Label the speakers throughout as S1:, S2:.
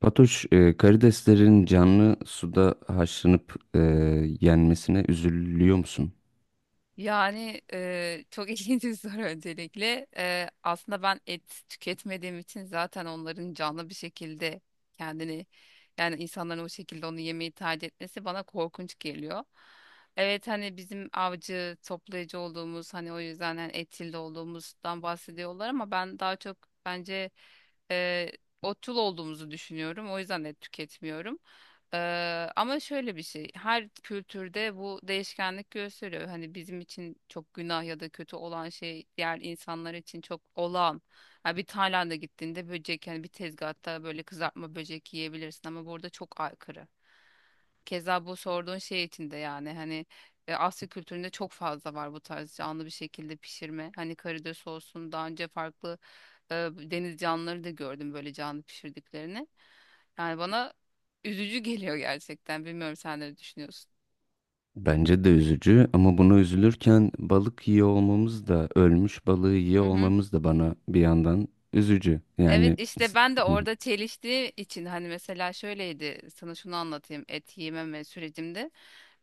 S1: Fatoş, karideslerin canlı suda haşlanıp yenmesine üzülüyor musun?
S2: Çok ilginç bir soru öncelikle. Aslında ben et tüketmediğim için zaten onların canlı bir şekilde kendini yani insanların o şekilde onu yemeyi tercih etmesi bana korkunç geliyor. Evet hani bizim avcı toplayıcı olduğumuz hani o yüzden hani etçil de olduğumuzdan bahsediyorlar ama ben daha çok bence eee otçul olduğumuzu düşünüyorum. O yüzden et tüketmiyorum. Ama şöyle bir şey, her kültürde bu değişkenlik gösteriyor. Hani bizim için çok günah ya da kötü olan şey diğer insanlar için çok olağan. Ha bir Tayland'a gittiğinde böcek yani bir tezgahta böyle kızartma böcek yiyebilirsin ama burada çok aykırı. Keza bu sorduğun şey için de yani hani Asya kültüründe çok fazla var bu tarz canlı bir şekilde pişirme. Hani karides olsun daha önce farklı deniz canlıları da gördüm böyle canlı pişirdiklerini. Yani bana üzücü geliyor gerçekten. Bilmiyorum sen ne düşünüyorsun.
S1: Bence de üzücü ama buna üzülürken balık yiyor olmamız da ölmüş balığı yiyor olmamız da bana bir yandan üzücü.
S2: Evet işte ben de
S1: Hı hı.
S2: orada çeliştiği için hani mesela şöyleydi sana şunu anlatayım et yememe sürecimde.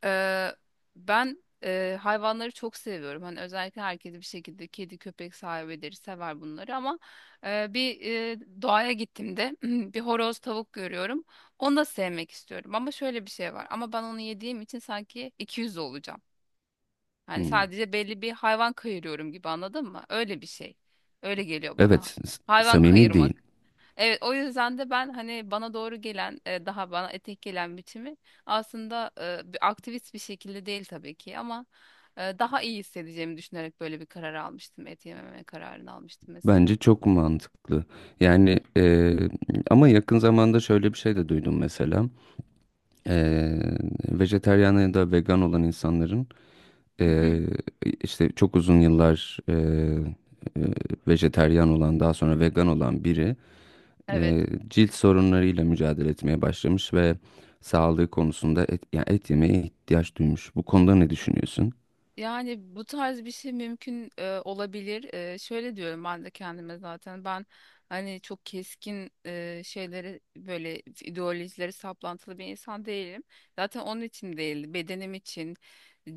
S2: Ee, Ben hayvanları çok seviyorum. Hani özellikle herkes bir şekilde kedi köpek sahibidir sever bunları ama e, bir doğaya gittiğimde bir horoz tavuk görüyorum. Onu da sevmek istiyorum ama şöyle bir şey var ama ben onu yediğim için sanki 200 olacağım. Yani
S1: Hmm.
S2: sadece belli bir hayvan kayırıyorum gibi, anladın mı? Öyle bir şey. Öyle geliyor bana.
S1: Evet,
S2: Hayvan
S1: samimi değil.
S2: kayırmak. Evet o yüzden de ben hani bana doğru gelen daha bana etek gelen biçimi aslında bir aktivist bir şekilde değil tabii ki ama daha iyi hissedeceğimi düşünerek böyle bir karar almıştım. Et yememe kararını almıştım mesela.
S1: Bence çok mantıklı. Yani, ama yakın zamanda şöyle bir şey de duydum mesela. E, Vejetaryen ya da vegan olan insanların,
S2: Hı
S1: Ee,
S2: hı.
S1: işte çok uzun yıllar, vejeteryan olan daha sonra vegan olan biri
S2: Evet.
S1: cilt sorunlarıyla mücadele etmeye başlamış ve sağlığı konusunda yani et yemeye ihtiyaç duymuş. Bu konuda ne düşünüyorsun?
S2: Yani bu tarz bir şey mümkün olabilir. E, şöyle diyorum ben de kendime zaten. Ben hani çok keskin şeyleri böyle ideolojileri saplantılı bir insan değilim. Zaten onun için değil, bedenim için,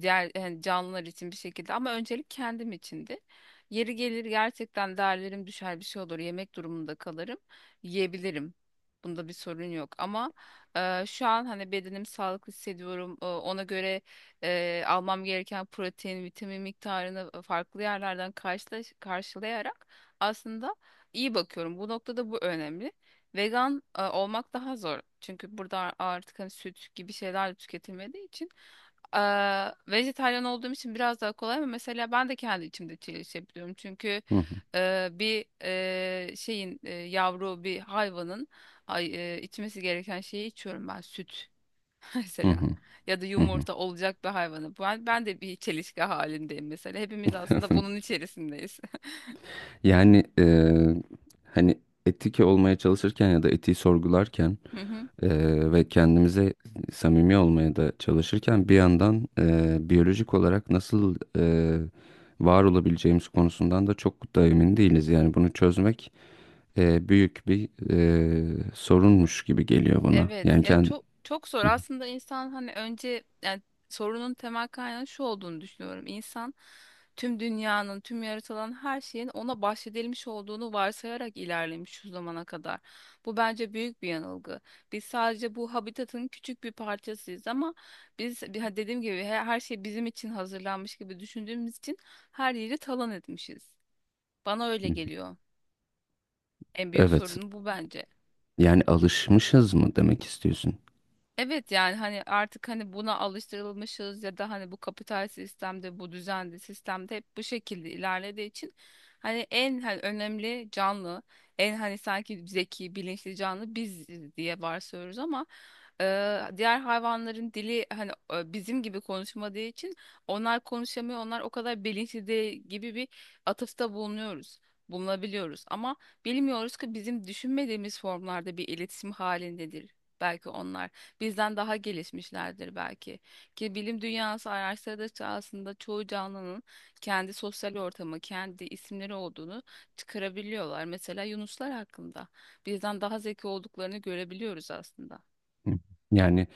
S2: diğer yani canlılar için bir şekilde ama öncelik kendim içindi. Yeri gelir gerçekten değerlerim düşer bir şey olur. Yemek durumunda kalırım. Yiyebilirim. Bunda bir sorun yok ama şu an hani bedenim sağlıklı hissediyorum. E, ona göre almam gereken protein, vitamin miktarını farklı yerlerden karşılayarak aslında iyi bakıyorum. Bu noktada bu önemli. Vegan olmak daha zor. Çünkü burada artık hani süt gibi şeyler tüketilmediği için e, vejetaryen olduğum için biraz daha kolay ama mesela ben de kendi içimde çelişebiliyorum. Çünkü
S1: Hı hı,
S2: şeyin yavru bir hayvanın ay, içmesi gereken şeyi içiyorum ben, süt
S1: hı
S2: mesela,
S1: hı.
S2: ya da
S1: Hı hı.
S2: yumurta olacak bir hayvanı. Ben de bir çelişki halindeyim mesela. Hepimiz aslında bunun içerisindeyiz.
S1: Yani, hani etik olmaya çalışırken ya da etiği sorgularken, Ve kendimize samimi olmaya da çalışırken bir yandan biyolojik olarak nasıl var olabileceğimiz konusundan da çok da emin değiliz. Yani bunu çözmek büyük bir sorunmuş gibi geliyor bana.
S2: Evet
S1: Yani
S2: ya
S1: kend...
S2: çok çok zor aslında insan hani önce yani sorunun temel kaynağı şu olduğunu düşünüyorum. İnsan tüm dünyanın, tüm yaratılan her şeyin ona bahşedilmiş olduğunu varsayarak ilerlemiş şu zamana kadar. Bu bence büyük bir yanılgı. Biz sadece bu habitatın küçük bir parçasıyız ama biz dediğim gibi her şey bizim için hazırlanmış gibi düşündüğümüz için her yeri talan etmişiz. Bana öyle geliyor. En büyük
S1: Evet.
S2: sorun bu bence.
S1: Yani alışmışız mı demek istiyorsun?
S2: Evet yani hani artık hani buna alıştırılmışız ya da hani bu kapital sistemde bu düzende sistemde hep bu şekilde ilerlediği için hani en hani önemli canlı en hani sanki zeki bilinçli canlı biziz diye varsayıyoruz ama e, diğer hayvanların dili hani bizim gibi konuşmadığı için onlar konuşamıyor, onlar o kadar bilinçli değil gibi bir atıfta bulunabiliyoruz ama bilmiyoruz ki bizim düşünmediğimiz formlarda bir iletişim halindedir belki onlar, bizden daha gelişmişlerdir belki. Ki bilim dünyası araştırdıkça aslında çoğu canlının kendi sosyal ortamı, kendi isimleri olduğunu çıkarabiliyorlar. Mesela yunuslar hakkında bizden daha zeki olduklarını görebiliyoruz aslında.
S1: Hı. Yani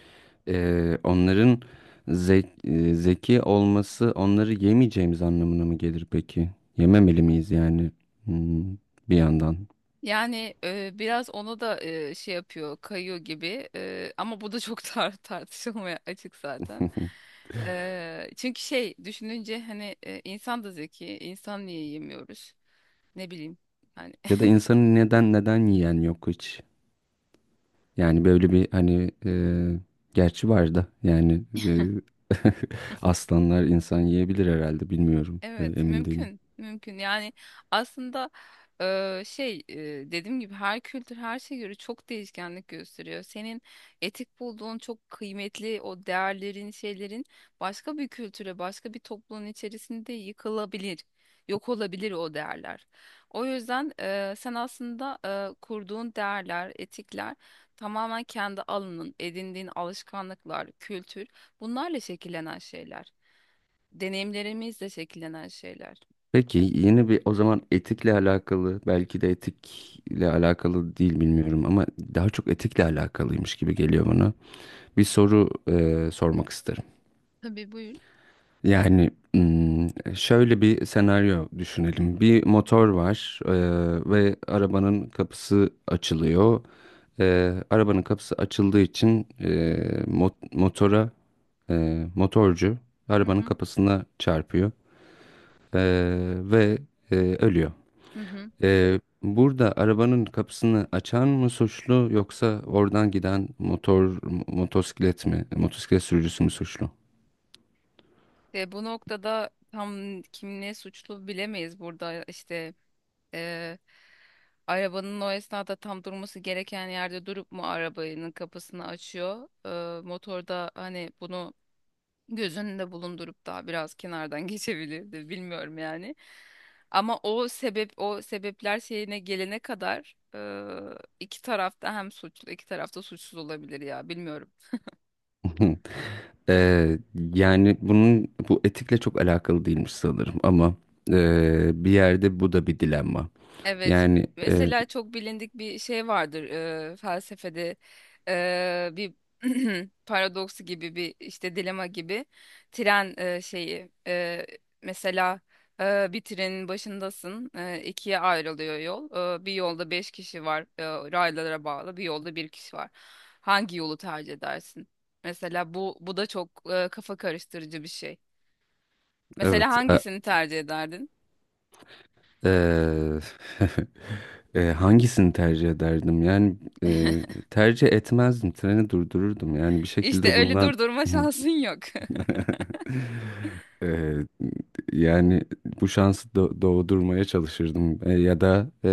S1: Onların zeki olması onları yemeyeceğimiz anlamına mı gelir peki? Yememeli miyiz yani? Hmm, bir yandan?
S2: Yani biraz ona da şey yapıyor, kayıyor gibi. E, ama bu da çok tartışılmaya açık zaten. E, çünkü şey düşününce hani insan da zeki, insan niye yemiyoruz? Ne bileyim. hani
S1: Ya da insanın neden yiyen yok hiç? Yani böyle bir hani, gerçi var da yani, aslanlar insan yiyebilir herhalde, bilmiyorum.
S2: Evet,
S1: Emin değilim.
S2: mümkün, mümkün. Yani aslında e, şey e, dediğim gibi her kültür her şeye göre çok değişkenlik gösteriyor. Senin etik bulduğun çok kıymetli o değerlerin, şeylerin başka bir kültüre, başka bir toplumun içerisinde yıkılabilir, yok olabilir o değerler. O yüzden sen aslında kurduğun değerler, etikler tamamen kendi alanın, edindiğin alışkanlıklar, kültür, bunlarla şekillenen şeyler. Deneyimlerimizle şekillenen şeyler.
S1: Peki yeni bir, o zaman etikle alakalı, belki de etikle alakalı değil bilmiyorum ama daha çok etikle alakalıymış gibi geliyor bana. Bir soru sormak isterim.
S2: Tabii buyur.
S1: Yani hmm, şöyle bir senaryo düşünelim. Bir motor var, ve arabanın kapısı açılıyor. Arabanın kapısı açıldığı için, motora, motorcu
S2: Hı
S1: arabanın
S2: hı.
S1: kapısına çarpıyor. E, Ve ölüyor.
S2: Hı hı.
S1: Burada arabanın kapısını açan mı suçlu, yoksa oradan giden motosiklet mi, motosiklet sürücüsü mü suçlu?
S2: Ve bu noktada tam kim ne suçlu bilemeyiz, burada işte eee, arabanın o esnada tam durması gereken yerde durup mu arabanın kapısını açıyor? Motorda hani bunu göz önünde bulundurup daha biraz kenardan geçebilirdi, bilmiyorum yani, ama o sebep o sebepler şeyine gelene kadar iki tarafta hem suçlu iki tarafta suçsuz olabilir ya, bilmiyorum.
S1: Ee, Yani bunun, bu etikle çok alakalı değilmiş sanırım ama bir yerde bu da bir dilemma.
S2: Evet,
S1: Yani,
S2: mesela çok bilindik bir şey vardır felsefede bir paradoksu gibi bir işte dilema gibi tren e, şeyi e, mesela bir trenin başındasın, ikiye ayrılıyor yol. E, bir yolda beş kişi var, raylara bağlı bir yolda bir kişi var, hangi yolu tercih edersin? Mesela bu da çok kafa karıştırıcı bir şey. Mesela
S1: evet.
S2: hangisini tercih ederdin?
S1: E, Hangisini tercih ederdim? Yani, tercih etmezdim, treni durdururdum. Yani bir
S2: İşte
S1: şekilde
S2: öyle
S1: bundan...
S2: durdurma şansın yok.
S1: Ee, Yani bu şansı doğdurmaya çalışırdım. Ya da,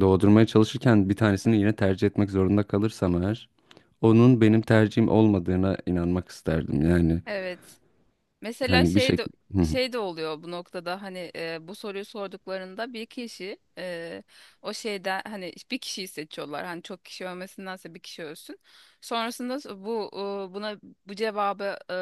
S1: doğdurmaya çalışırken bir tanesini yine tercih etmek zorunda kalırsam eğer, onun benim tercihim olmadığına inanmak isterdim. Yani
S2: Evet. Mesela
S1: hani bir
S2: şey de
S1: şekilde. Hı hı.
S2: Şey de oluyor bu noktada hani bu soruyu sorduklarında bir kişi o şeyden hani bir kişiyi seçiyorlar. Hani çok kişi ölmesindense bir kişi ölsün. Sonrasında e, buna bu cevabı, e,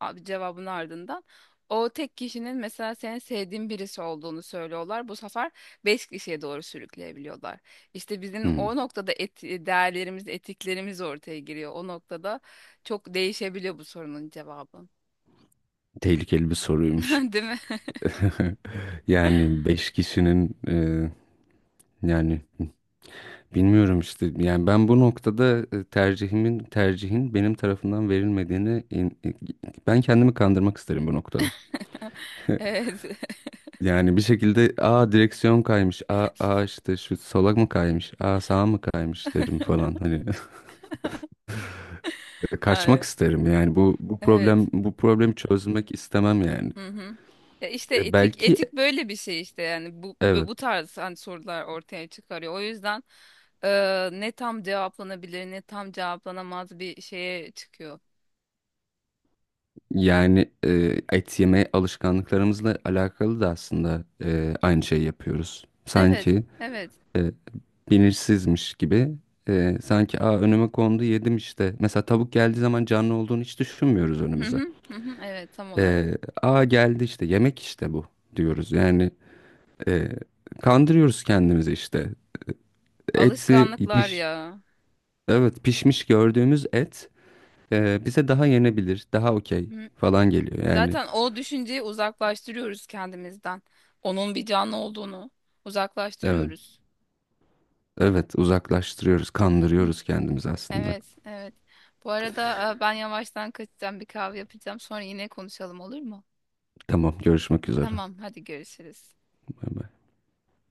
S2: a- cevabın ardından o tek kişinin mesela senin sevdiğin birisi olduğunu söylüyorlar. Bu sefer beş kişiye doğru sürükleyebiliyorlar. İşte bizim
S1: Hı.
S2: o noktada değerlerimiz, etiklerimiz ortaya giriyor. O noktada çok değişebiliyor bu sorunun cevabı.
S1: Tehlikeli bir soruymuş.
S2: Değil mi?
S1: Yani beş kişinin, yani bilmiyorum işte, yani ben bu noktada, e, tercihimin tercihin benim tarafından verilmediğini, ben kendimi kandırmak isterim bu noktada.
S2: Evet.
S1: Yani bir şekilde aa direksiyon kaymış, aa, aa işte şu sola mı kaymış, aa sağa mı kaymış derim falan. Hani kaçmak
S2: Yani,
S1: isterim yani,
S2: evet.
S1: bu problemi çözmek istemem yani.
S2: Hı hı. Ya işte
S1: Belki,
S2: etik böyle bir şey işte yani bu bu
S1: evet,
S2: bu tarz hani sorular ortaya çıkarıyor. O yüzden ne tam cevaplanabilir ne tam cevaplanamaz bir şeye çıkıyor.
S1: yani, et yeme alışkanlıklarımızla alakalı da aslında, aynı şeyi yapıyoruz.
S2: Evet.
S1: Sanki
S2: Evet.
S1: e, bilinçsizmiş gibi, sanki "Aa, önüme kondu, yedim işte." Mesela tavuk geldiği zaman canlı olduğunu hiç düşünmüyoruz
S2: Hı
S1: önümüze.
S2: hı. Hı hı. Evet, tam olarak.
S1: E, "Aa geldi işte yemek, işte bu" diyoruz. Yani, e, kandırıyoruz kendimizi işte. Eti
S2: Alışkanlıklar
S1: piş
S2: ya.
S1: Evet, pişmiş gördüğümüz et bize daha yenebilir, daha okey
S2: Hı.
S1: falan geliyor yani.
S2: Zaten o düşünceyi uzaklaştırıyoruz kendimizden. Onun bir canlı olduğunu
S1: Evet.
S2: uzaklaştırıyoruz.
S1: Evet, uzaklaştırıyoruz, kandırıyoruz kendimizi aslında.
S2: Evet, evet. Bu arada ben yavaştan kaçacağım, bir kahve yapacağım. Sonra yine konuşalım, olur mu?
S1: Tamam, görüşmek üzere.
S2: Tamam, hadi görüşürüz.
S1: Bay bay.